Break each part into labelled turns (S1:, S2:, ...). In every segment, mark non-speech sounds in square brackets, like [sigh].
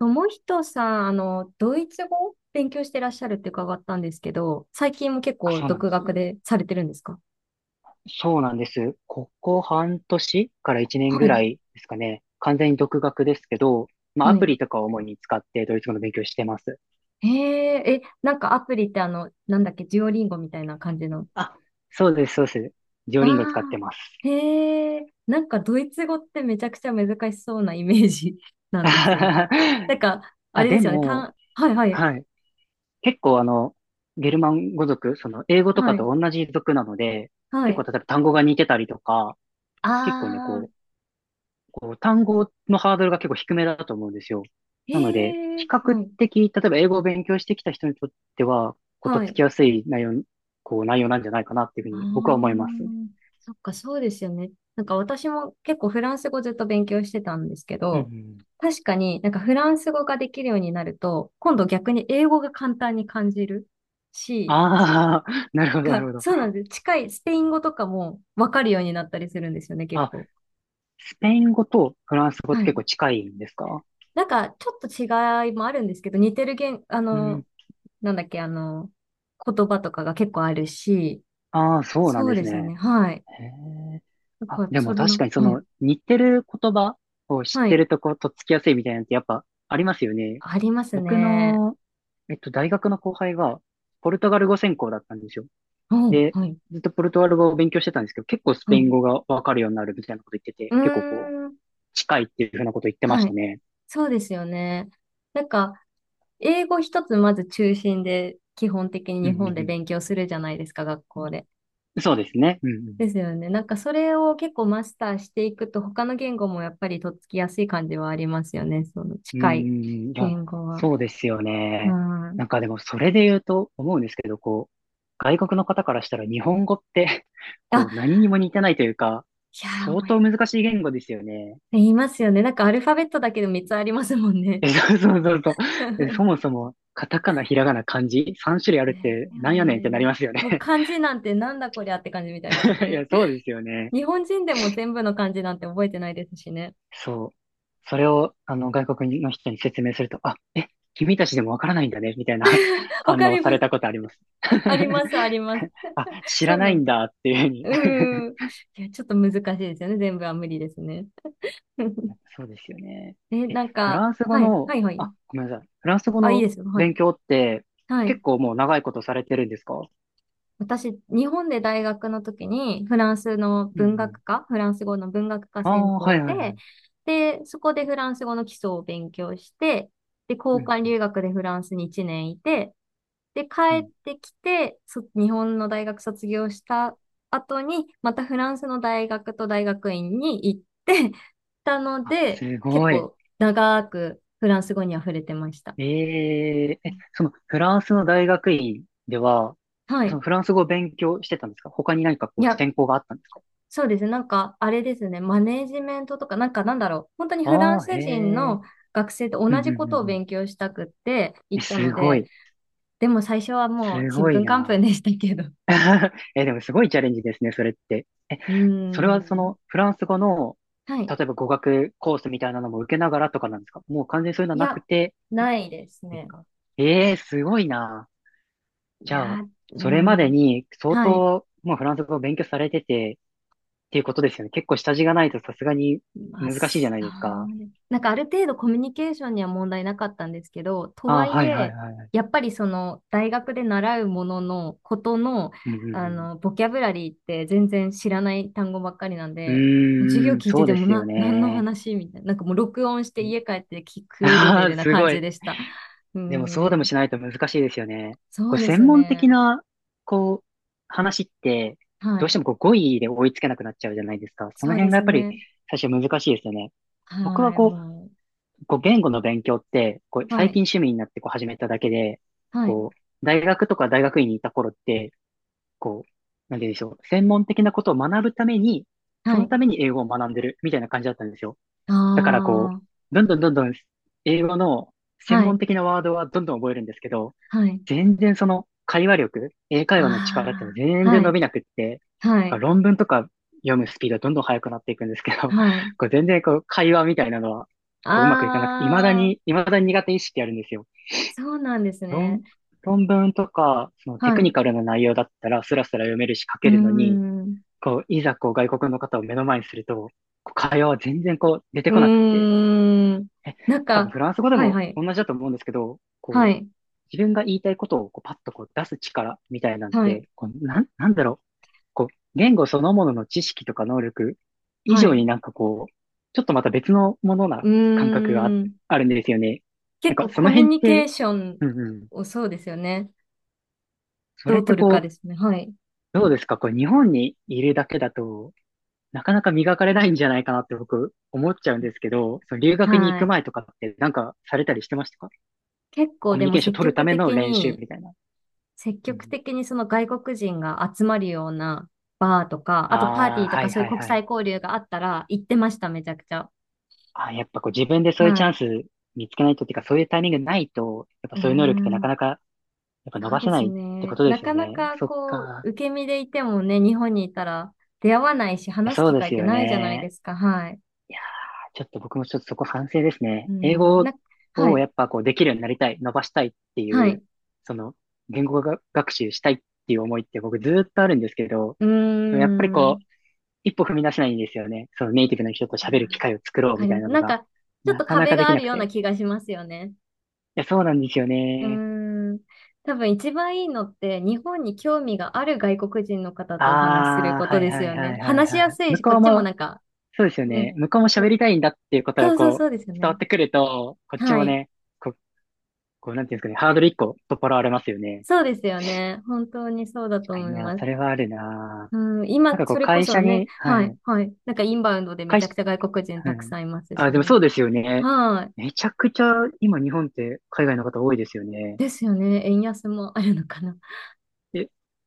S1: 友人さん、ドイツ語を勉強してらっしゃるって伺ったんですけど、最近も結
S2: あ、
S1: 構
S2: そうなん
S1: 独
S2: です。
S1: 学でされてるんですか？
S2: そうなんです。ここ半年から1年
S1: は
S2: ぐ
S1: い、
S2: らいですかね。完全に独学ですけど、まあ
S1: は
S2: アプ
S1: い。
S2: リとかを主に使ってドイツ語の勉強してます。
S1: へえ、なんかアプリってあの、なんだっけ、デュオリンゴみたいな感じの。
S2: あ、そうです、そうです。ジオ
S1: あ
S2: リンゴ使って
S1: あ、
S2: ます。
S1: へえ、なんかドイツ語ってめちゃくちゃ難しそうなイメージ [laughs] なんですよね。なん
S2: [laughs]
S1: か、あ
S2: あ、
S1: れで
S2: で
S1: すよね、
S2: も、
S1: はい、はい、
S2: はい。結構ゲルマン語族、その英語と
S1: は
S2: か
S1: い、
S2: と同じ族なので、
S1: は
S2: 結構
S1: い。
S2: 例えば単語が似てたりとか、結構ね、
S1: ああ、
S2: 単語のハードルが結構低めだと思うんですよ。
S1: へ
S2: なので、
S1: え、
S2: 比較
S1: はい、
S2: 的、例えば英語を勉強してきた人にとっては、こう、とっ
S1: は
S2: つ
S1: い。
S2: きやすい内容なんじゃないかなっていうふ
S1: あ
S2: うに僕は思いま
S1: あ、
S2: す。うん
S1: そっか、そうですよね。なんか私も結構フランス語ずっと勉強してたんですけ
S2: う
S1: ど、
S2: ん。
S1: 確かになんかフランス語ができるようになると、今度逆に英語が簡単に感じるし、
S2: ああ、[laughs] なる
S1: なん
S2: ほど、なる
S1: か
S2: ほど。
S1: そうなんです。近いスペイン語とかもわかるようになったりするんですよね、結
S2: あ、
S1: 構。
S2: スペイン語とフランス語っ
S1: は
S2: て
S1: い。
S2: 結構近いんですか？
S1: なんかちょっと違いもあるんですけど、似てる言、あ
S2: う
S1: の、
S2: ん。
S1: なんだっけ、あの、言葉とかが結構あるし、
S2: ああ、そうなん
S1: そう
S2: で
S1: で
S2: す
S1: すね、
S2: ね。
S1: はい。
S2: へえ。
S1: なん
S2: あ、
S1: か、
S2: で
S1: そ
S2: も
S1: れ
S2: 確
S1: な、
S2: かにそ
S1: はい。
S2: の似てる言葉を知
S1: は
S2: って
S1: い、
S2: るとこうとっつきやすいみたいなのってやっぱありますよね。
S1: あります
S2: 僕
S1: ね。
S2: の、大学の後輩がポルトガル語専攻だったんですよ。
S1: うん、
S2: で、
S1: はい、
S2: ずっとポルトガル語を勉強してたんですけど、結構スペ
S1: は
S2: イン
S1: い。
S2: 語がわかるようになるみたいなこと言ってて、
S1: う
S2: 結構こう、
S1: ーん、
S2: 近いっていうふうなこと言ってま
S1: は
S2: した
S1: い。
S2: ね。
S1: そうですよね。なんか、英語一つまず中心で、基本的に
S2: う
S1: 日
S2: んう
S1: 本で
S2: ん
S1: 勉強するじゃないですか、学校で。
S2: うん。そうですね。うんうん。
S1: ですよね。なんか、それを結構マスターしていくと、他の言語もやっぱりとっつきやすい感じはありますよね。その
S2: うー
S1: 近い
S2: ん、いや、
S1: 言語は。
S2: そうですよ
S1: う
S2: ね。な
S1: ん。
S2: んかでもそれで言うと思うんですけど、こう、外国の方からしたら日本語って [laughs] こ
S1: あ、
S2: う、何にも似てないというか、
S1: いやー、
S2: 相
S1: 思
S2: 当
S1: い
S2: 難しい言語ですよね。
S1: 言いますよね。なんか、アルファベットだけで3つありますもんね。
S2: え、そうそうそうそう。えそも
S1: [laughs]
S2: そも、カタカナ、ひらがな、漢字、3種類あるっ
S1: ね
S2: て
S1: え、だよ
S2: なんやねんってなり
S1: ね。
S2: ますよ
S1: もう
S2: ね。
S1: 漢字なんてなんだこりゃって感じみたいですもん
S2: [laughs] い
S1: ね。
S2: や、そうですよね。
S1: 日本人でも全部の漢字なんて覚えてないですしね。
S2: そう。それを、外国の人に説明すると、君たちでもわからないんだね、みたいな [laughs]
S1: [laughs] わ
S2: 反
S1: か
S2: 応
S1: り
S2: さ
S1: ま
S2: れ
S1: す。
S2: たことあります。
S1: あり
S2: [laughs]
S1: ます、あります。
S2: あ、知
S1: そ
S2: ら
S1: う
S2: な
S1: な
S2: い
S1: ん
S2: ん
S1: です。
S2: だっていうふうに。
S1: うーん。
S2: [laughs]
S1: いや、ちょっと難しいですよね。全部は無理ですね。[laughs]
S2: そうですよね。
S1: え、
S2: え、
S1: なん
S2: フ
S1: か、
S2: ランス語
S1: はい、
S2: の、
S1: はい、はい。
S2: あ、ごめんなさい。フランス語
S1: あ、いい
S2: の
S1: ですよ。は
S2: 勉
S1: い。
S2: 強って
S1: はい。
S2: 結構もう長いことされてるんですか？う
S1: 私、日本で大学の時にフランスの
S2: んう
S1: 文学
S2: ん。
S1: 科、フランス語の文学科
S2: あ
S1: 専
S2: あ、は
S1: 攻
S2: いはいは
S1: で、
S2: い。
S1: で、そこでフランス語の基礎を勉強して、で、
S2: う
S1: 交
S2: ん
S1: 換
S2: うん
S1: 留学でフランスに1年いて、で、
S2: う
S1: 帰
S2: ん。
S1: ってきて、日本の大学卒業した後に、またフランスの大学と大学院に行ってたの
S2: あ、
S1: で、
S2: す
S1: 結
S2: ごい。
S1: 構長くフランス語に溢れてました。
S2: えええ、そのフランスの大学院では、
S1: は
S2: そ
S1: い。
S2: のフランス語を勉強してたんですか？他に何か
S1: い
S2: こう
S1: や、
S2: 専攻があったんですか？
S1: そうですね。マネージメントとか、本当にフラ
S2: あ
S1: ン
S2: あー、
S1: ス
S2: へ
S1: 人
S2: え。
S1: の学生と
S2: うんう
S1: 同
S2: ん
S1: じ
S2: う
S1: ことを
S2: んうん。
S1: 勉強したくって
S2: え、
S1: 行った
S2: す
S1: の
S2: ご
S1: で、
S2: い。
S1: でも最初はもう
S2: す
S1: ちん
S2: ご
S1: ぷ
S2: い
S1: んかんぷん
S2: な。
S1: でしたけど。[laughs]
S2: [laughs] え、でもすごいチャレンジですね、それって。え、
S1: うー
S2: それはそ
S1: ん。
S2: のフランス語の、
S1: はい。
S2: 例えば語学コースみたいなのも受けながらとかなんですか？もう完全にそういうのは
S1: い
S2: なく
S1: や、
S2: て
S1: ないです
S2: です
S1: ね。
S2: か？ええすごいな。
S1: い
S2: じゃあ、
S1: や、うー
S2: それまで
S1: ん。
S2: に相
S1: はい。
S2: 当もうフランス語を勉強されててっていうことですよね。結構下地がないとさすがに
S1: まあ、
S2: 難しいじゃ
S1: そ
S2: ないですか。
S1: うです。なんかある程度コミュニケーションには問題なかったんですけど、と
S2: あ
S1: は
S2: あ、
S1: い
S2: はいはい
S1: え、
S2: はいはい。
S1: やっぱりその大学で習うもののことの、
S2: うんう
S1: あ
S2: ん
S1: の、ボキャブラリーって全然知らない単語ばっかりなん
S2: う
S1: で、もう授業
S2: ん。うーん、
S1: 聞いて
S2: そう
S1: て
S2: で
S1: も
S2: すよ
S1: 何の
S2: ね。
S1: 話みたいな、なんかもう録音して家帰って聞くレベ
S2: ああ、[laughs]
S1: ルな
S2: す
S1: 感
S2: ご
S1: じ
S2: い。
S1: でした。うー
S2: でもそうでも
S1: ん、
S2: しないと難しいですよね。
S1: そ
S2: こう、
S1: うで
S2: 専
S1: す
S2: 門的
S1: ね。
S2: な、こう、話って、
S1: は
S2: どう
S1: い。
S2: してもこう語彙で追いつけなくなっちゃうじゃないですか。そ
S1: そ
S2: の
S1: うで
S2: 辺がや
S1: す
S2: っぱり
S1: ね。
S2: 最初難しいですよね。僕は
S1: はい、
S2: こ
S1: も
S2: う、こう言語の勉強って、こう
S1: う。は
S2: 最近
S1: い、
S2: 趣味になってこう始めただけで、
S1: はい、
S2: こう、大学とか大学院にいた頃って、こう、なんて言うんでしょう、専門的なことを学ぶために、そ
S1: は
S2: の
S1: い。
S2: ために英語を学んでるみたいな感じだったんですよ。
S1: あ
S2: だからこ
S1: あ、
S2: う、どんどんどんどん英語の専
S1: は
S2: 門
S1: い、
S2: 的なワードはどんどん覚えるんですけど、
S1: はい。
S2: 全然その会話力、英会話の力っていう
S1: あ
S2: のは
S1: あ、
S2: 全
S1: は
S2: 然伸
S1: い、
S2: びなくって、
S1: は
S2: だか
S1: い、
S2: ら論文とか読むスピードはどんどん速くなっていくんですけど、[laughs]
S1: はい。
S2: こう全然こう会話みたいなのはこううまくいかなくて、未だ
S1: ああ、
S2: に、未だに苦手意識あるんですよ。
S1: そうなんです
S2: 論、
S1: ね。
S2: 論文とか、そのテ
S1: はい。
S2: クニ
S1: う
S2: カルな内容だったらスラスラ読めるし書
S1: ー
S2: けるのに、
S1: ん。
S2: こう、いざこう外国の方を目の前にすると、こう会話は全然こう出て
S1: う
S2: こなくて、
S1: ーん。
S2: え、
S1: なん
S2: 多
S1: か、
S2: 分フランス語で
S1: はい、
S2: も
S1: はい、
S2: 同じだと思うんですけど、
S1: は
S2: こう、
S1: い、
S2: 自分が言いたいことをこうパッとこう出す力みたいなん
S1: はい、
S2: て、こう、なんだろう。こう、言語そのものの知識とか能力以
S1: は
S2: 上
S1: い。
S2: になんかこう、ちょっとまた別のものな
S1: う
S2: 感覚があ、
S1: ーん。
S2: あるんですよね。なん
S1: 結
S2: か
S1: 構
S2: そ
S1: コ
S2: の
S1: ミュ
S2: 辺っ
S1: ニケ
S2: て、
S1: ーション
S2: うんうん。
S1: を、そうですよね。
S2: そ
S1: ど
S2: れっ
S1: う
S2: て
S1: 取るか
S2: こ
S1: です
S2: う、
S1: ね。はい、
S2: どうですかこう、日本にいるだけだと、なかなか磨かれないんじゃないかなって僕思っちゃうんですけど、その留学に行
S1: は
S2: く
S1: い。
S2: 前とかってなんかされたりしてましたか？
S1: 結構
S2: コミュ
S1: で
S2: ニ
S1: も
S2: ケーション
S1: 積
S2: 取るた
S1: 極
S2: めの
S1: 的
S2: 練習
S1: に、
S2: みたいな。
S1: 積
S2: う
S1: 極
S2: ん。
S1: 的にその外国人が集まるようなバーとか、あとパーテ
S2: あ
S1: ィ
S2: あ、
S1: ーと
S2: は
S1: か
S2: い
S1: そういう
S2: はい
S1: 国
S2: はい。
S1: 際交流があったら行ってました、めちゃくちゃ。
S2: あ、やっぱこう自分でそういうチ
S1: は
S2: ャン
S1: い。
S2: ス見つけないとっていうか、そういうタイミングないと、やっぱ
S1: うー
S2: そういう能力ってなか
S1: ん。
S2: なか、やっぱ伸
S1: そう
S2: ばせ
S1: で
S2: な
S1: す
S2: いってこ
S1: ね。
S2: とで
S1: な
S2: すよ
S1: かな
S2: ね。あ
S1: か
S2: そっ
S1: こう、
S2: か。
S1: 受け身でいてもね、日本にいたら出会わないし、
S2: いや、
S1: 話す
S2: そう
S1: 機
S2: で
S1: 会っ
S2: す
S1: て
S2: よ
S1: ないじゃないで
S2: ね。
S1: すか。はい。
S2: いやー、ちょっと僕もちょっとそこ反省です
S1: う
S2: ね。
S1: ー
S2: 英
S1: ん。
S2: 語
S1: は
S2: を
S1: い。
S2: やっぱこうできるようになりたい、伸ばしたいって
S1: は
S2: い
S1: い。
S2: う、その言語が学習したいっていう思いって僕ずーっとあるんですけど、
S1: うー
S2: やっぱりこ
S1: ん。
S2: う、一歩踏み出せないんですよね。そのネイティブの人と
S1: いやー、わ
S2: 喋る機会を作ろう
S1: か
S2: み
S1: り
S2: たい
S1: ます。
S2: なの
S1: なん
S2: が、
S1: か、ちょっ
S2: な
S1: と
S2: かな
S1: 壁
S2: かで
S1: が
S2: き
S1: あ
S2: な
S1: る
S2: く
S1: よう
S2: て。
S1: な気
S2: い
S1: がしますよね。
S2: や、そうなんですよ
S1: う
S2: ね。
S1: ーん、多分一番いいのって日本に興味がある外国人の方とお話しする
S2: あ
S1: こ
S2: あ、は
S1: と
S2: い
S1: です
S2: はい
S1: よね。
S2: はいはい
S1: 話しや
S2: はい。
S1: すい
S2: 向
S1: し、こ
S2: こ
S1: っ
S2: う
S1: ちも
S2: も、
S1: なんか
S2: そうですよ
S1: ね、
S2: ね。向こうも
S1: そう
S2: 喋
S1: で
S2: り
S1: す。
S2: たいんだっていうことが
S1: そう、そう、
S2: こう、
S1: そうですよ
S2: 伝わ
S1: ね。
S2: ってくると、こっち
S1: は
S2: も
S1: い。
S2: ね、こう、なんていうんですかね、ハードル一個取っ払われますよね。
S1: そうですよね。本当にそうだ
S2: 確
S1: と
S2: か
S1: 思
S2: に
S1: い
S2: な、
S1: ます。
S2: それはあるな。
S1: うん、
S2: なん
S1: 今、
S2: かこ
S1: そ
S2: う、
S1: れこ
S2: 会
S1: そ
S2: 社
S1: ね、
S2: に、は
S1: はい、
S2: い。
S1: はい。なんかインバウンドでめち
S2: 会
S1: ゃ
S2: 社、
S1: くちゃ外国人
S2: は
S1: たく
S2: い。
S1: さんいます
S2: あ、
S1: し
S2: でも
S1: ね。
S2: そうですよね。
S1: はい。
S2: めちゃくちゃ、今日本って海外の方多いですよね。
S1: ですよね。円安もあるのかな。[laughs]
S2: え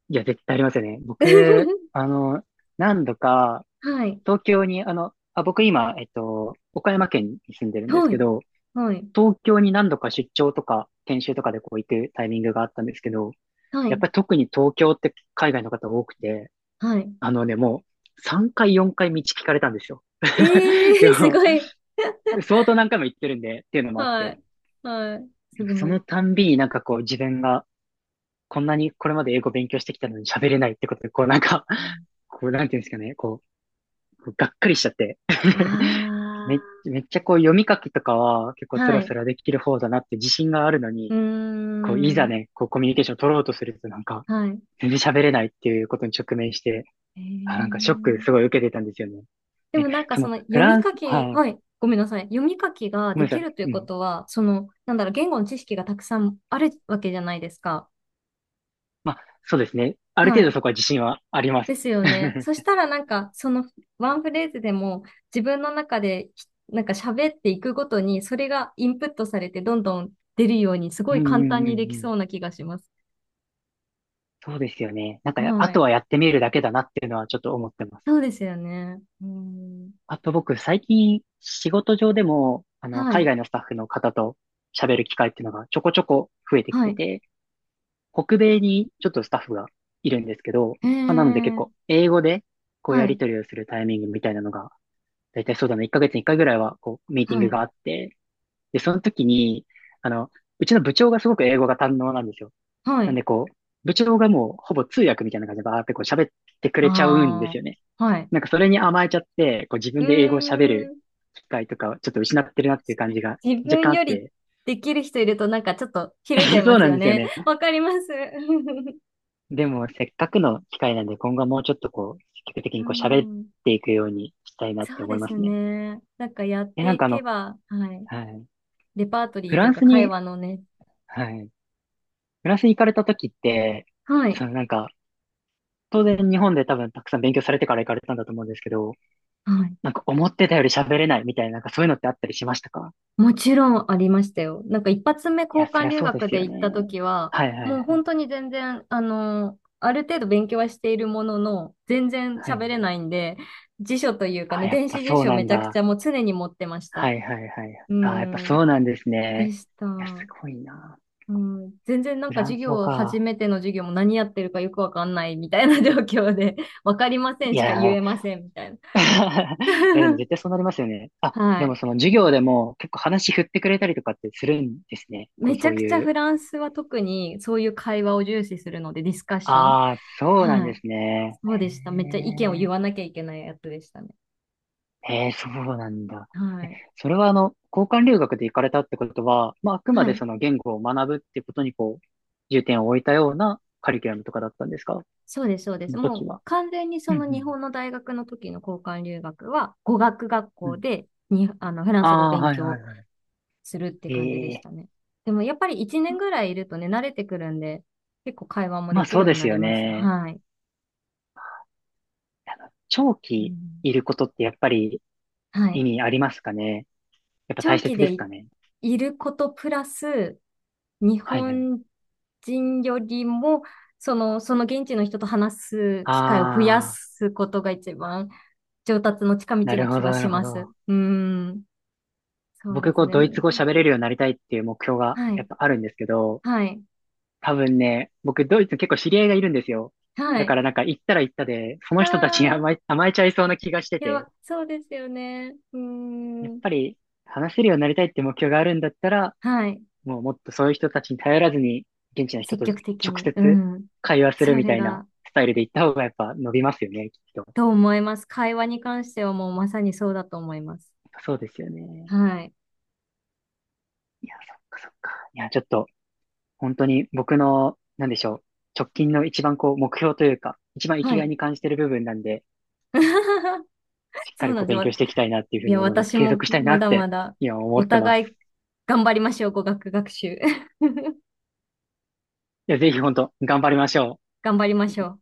S2: いや、絶対ありますよね。僕、何度か、
S1: はい。
S2: 東京に、あ、僕今、岡山県に住んでるんです
S1: は
S2: け
S1: い。
S2: ど、
S1: はい。
S2: 東京に何度か出張とか、研修とかでこう行くタイミングがあったんですけど、
S1: は
S2: やっ
S1: い。
S2: ぱり特に東京って海外の方多くて、
S1: はい。
S2: あのね、もう3回4回道聞かれたんですよ。[laughs]
S1: え
S2: で
S1: えー、す
S2: も、
S1: ごい。
S2: 相当何回も行ってるんで、っていうのもあっ
S1: は
S2: て、
S1: い。はい。すご
S2: そ
S1: い。
S2: のたんびになんかこう自分がこんなにこれまで英語勉強してきたのに喋れないってことで、こうなんか、こうなんていうんですかね、こうがっかりしちゃって [laughs] めっ。
S1: あ
S2: めっちゃこう読み書きとかは結
S1: あ、
S2: 構ス
S1: は
S2: ラ
S1: い。
S2: スラできる方だなって自信があるの
S1: う
S2: に、
S1: ー
S2: こういざ
S1: ん。
S2: ね、こうコミュニケーション取ろうとするとなんか
S1: はい。
S2: 全然喋れないっていうことに直面して、
S1: え
S2: あ、なんかショック
S1: ー。
S2: すごい受けてたんですよね。
S1: で
S2: で、
S1: もなんか
S2: そ
S1: そ
S2: の
S1: の
S2: フ
S1: 読
S2: ラ
S1: み
S2: ンス、
S1: 書き、
S2: はい、
S1: はい。ごめんなさい。読み書きが
S2: ごめ
S1: で
S2: んな
S1: き
S2: さ
S1: るという
S2: い。う
S1: こ
S2: ん。
S1: とは、その、なんだろう、言語の知識がたくさんあるわけじゃないですか。
S2: まあ、そうですね。ある
S1: は
S2: 程度
S1: い。
S2: そこは自信はあります。
S1: ですよね。そし
S2: [laughs]
S1: たらなんか、そのワンフレーズでも自分の中で、なんか喋っていくごとに、それがインプットされてどんどん出るように、すご
S2: うん
S1: い
S2: う
S1: 簡
S2: ん
S1: 単
S2: うんう
S1: にでき
S2: ん。
S1: そうな気がします。
S2: そうですよね。あ
S1: は
S2: と
S1: い。
S2: はやってみるだけだなっていうのはちょっと思ってます。
S1: そうですよね。うん。
S2: あと僕、最近、仕事上でも、
S1: は
S2: 海
S1: い。
S2: 外のスタッフの方と喋る機会っていうのがちょこちょこ増えてき
S1: は
S2: て
S1: い。
S2: て、北米にちょっとスタッフがいるんですけど、
S1: え
S2: まあ、なので結
S1: ー。
S2: 構、英語で、こう
S1: は
S2: やり
S1: い。
S2: 取りをするタイミングみたいなのが、だいたいそうだな、1ヶ月に1回ぐらいは、こう、ミーティン
S1: は
S2: グ
S1: い。
S2: があって、で、その時に、あの、うちの部長がすごく英語が堪能なんですよ。
S1: は
S2: なん
S1: い。
S2: でこう、部長がもう、ほぼ通訳みたいな感じでバーってこう喋ってくれちゃうんです
S1: あ
S2: よね。
S1: あ。はい。
S2: なんかそれに甘えちゃって、こう自
S1: う
S2: 分で英語を喋
S1: ー
S2: る
S1: ん。
S2: 機会とかをちょっと失ってるなっていう感じが
S1: 自
S2: 若
S1: 分
S2: 干あ
S1: よ
S2: っ
S1: り
S2: て。
S1: できる人いるとなんかちょっとひるんじゃい
S2: [laughs] そ
S1: ま
S2: う
S1: す
S2: なん
S1: よ
S2: ですよ
S1: ね。
S2: ね。
S1: [laughs] わかります。
S2: でもせっかくの機会なんで今後はもうちょっとこう、積極的
S1: [laughs] う
S2: にこう喋っ
S1: ん。
S2: ていくようにしたいなって
S1: そう
S2: 思
S1: で
S2: いま
S1: す
S2: すね。
S1: ね。なんかやっ
S2: え、
S1: ていけば、はい。
S2: はい。
S1: レパート
S2: フ
S1: リーとい
S2: ラ
S1: う
S2: ン
S1: か
S2: ス
S1: 会
S2: に、
S1: 話のね。
S2: はい。フランスに行かれた時って、
S1: はい。
S2: そのなんか、当然日本で多分たくさん勉強されてから行かれたんだと思うんですけど、
S1: はい。
S2: なんか思ってたより喋れないみたいな、なんかそういうのってあったりしましたか。
S1: もちろんありましたよ。なんか一発目
S2: い
S1: 交
S2: や、そ
S1: 換
S2: りゃ
S1: 留
S2: そうで
S1: 学
S2: す
S1: で
S2: よ
S1: 行った
S2: ね。
S1: 時は、
S2: はいはい
S1: もう
S2: はい。
S1: 本当に全然、あの、ある程度勉強はしているものの、全然
S2: は
S1: 喋
S2: い。
S1: れないんで、辞書というか
S2: あ、
S1: ね、
S2: やっ
S1: 電
S2: ぱ
S1: 子辞
S2: そう
S1: 書
S2: な
S1: め
S2: ん
S1: ちゃくち
S2: だ。
S1: ゃもう常に持ってまし
S2: は
S1: た。
S2: いはいはい。
S1: う
S2: あ、やっぱ
S1: ん、
S2: そうなんです
S1: で
S2: ね。
S1: した。
S2: いや、すごいな。
S1: うん、全然なん
S2: フ
S1: か
S2: ラン
S1: 授
S2: ス語
S1: 業、初
S2: か。
S1: めての授業も何やってるかよくわかんないみたいな状況で、わかりませ
S2: い
S1: んしか言
S2: やー、
S1: えませんみたいな。
S2: [laughs] いや、でも絶
S1: [laughs]
S2: 対そうなりますよね。あ、
S1: は
S2: でも
S1: い。
S2: その授業でも結構話振ってくれたりとかってするんですね。こう、
S1: めち
S2: そ
S1: ゃ
S2: う
S1: くちゃ
S2: いう。
S1: フランスは特にそういう会話を重視するので、ディスカッション。
S2: ああ、そうなん
S1: は
S2: で
S1: い。
S2: すね。
S1: そうでした。めっちゃ意見を言わなきゃいけないやつでしたね。
S2: へえ、へえ、そうなんだ。
S1: は
S2: え、
S1: い。
S2: それは交換留学で行かれたってことは、まあ、あくま
S1: は
S2: で
S1: い。
S2: その言語を学ぶってことにこう、重点を置いたようなカリキュラムとかだったんですか。
S1: そうです、そうで
S2: そ
S1: す。
S2: の
S1: も
S2: 時
S1: う
S2: は。
S1: 完全にそ
S2: うんう
S1: の日
S2: ん
S1: 本の大学の時の交換留学は語学学
S2: う
S1: 校
S2: ん。
S1: でにフラン
S2: あ
S1: ス語を
S2: あ、
S1: 勉
S2: はいは
S1: 強
S2: いは
S1: するって
S2: い。
S1: 感じでし
S2: ええ。
S1: たね。でもやっぱり1年ぐらいいるとね、慣れてくるんで、結構会話も
S2: ま
S1: で
S2: あ
S1: き
S2: そ
S1: る
S2: う
S1: よう
S2: で
S1: に
S2: す
S1: なり
S2: よ
S1: ます。
S2: ね。
S1: はい。
S2: あの長
S1: う
S2: 期
S1: ん、
S2: いることってやっぱり
S1: は
S2: 意
S1: い。
S2: 味ありますかね。やっぱ大
S1: 長期
S2: 切で
S1: で
S2: すか
S1: い
S2: ね。
S1: いることプラス、日
S2: はいはい。
S1: 本人よりも、その現地の人と話す機会を増や
S2: ああ、
S1: すことが一番上達の近
S2: な
S1: 道
S2: る
S1: な
S2: ほ
S1: 気
S2: ど
S1: は
S2: な
S1: し
S2: るほ
S1: ま
S2: ど。
S1: す。うん。そう
S2: 僕
S1: で
S2: こ
S1: す
S2: う
S1: ね。
S2: ドイツ語喋れるようになりたいっていう目標が
S1: は
S2: や
S1: い。
S2: っぱあるんですけど、
S1: はい。
S2: 多分ね、僕ドイツ結構知り合いがいるんですよ。
S1: は
S2: だか
S1: い。
S2: らなんか行ったら行ったで、その
S1: あ
S2: 人たちに
S1: あ、
S2: 甘えちゃいそうな気がして
S1: い
S2: て、
S1: や、そうですよね。う
S2: やっ
S1: ん。
S2: ぱり話せるようになりたいって目標があるんだったら、
S1: はい。
S2: もうもっとそういう人たちに頼らずに、現地の人
S1: 積
S2: と直
S1: 極的に。う
S2: 接
S1: ん。
S2: 会話す
S1: そ
S2: るみ
S1: れ
S2: たいな
S1: が、
S2: スタイルで行った方がやっぱ伸びますよね、きっと。
S1: どう思います？会話に関してはもうまさにそうだと思います。
S2: そうですよね。
S1: はい。
S2: いや、そっか。いや、ちょっと、本当に僕の、なんでしょう、直近の一番こう、目標というか、一番生き
S1: は
S2: がい
S1: い。
S2: に感じてる部分なんで、
S1: [laughs]
S2: しっ
S1: そ
S2: かり
S1: うなん
S2: こう
S1: です
S2: 勉
S1: よ。
S2: 強していきたいなっていうふう
S1: い
S2: に
S1: や、
S2: 思います。
S1: 私
S2: 継
S1: も
S2: 続したいな
S1: ま
S2: っ
S1: だま
S2: て、
S1: だ
S2: 今思
S1: お
S2: ってま
S1: 互い
S2: す。
S1: 頑張りましょう、語学学習。[laughs]
S2: いや、ぜひ本当、頑張りましょう。
S1: 頑張りましょう。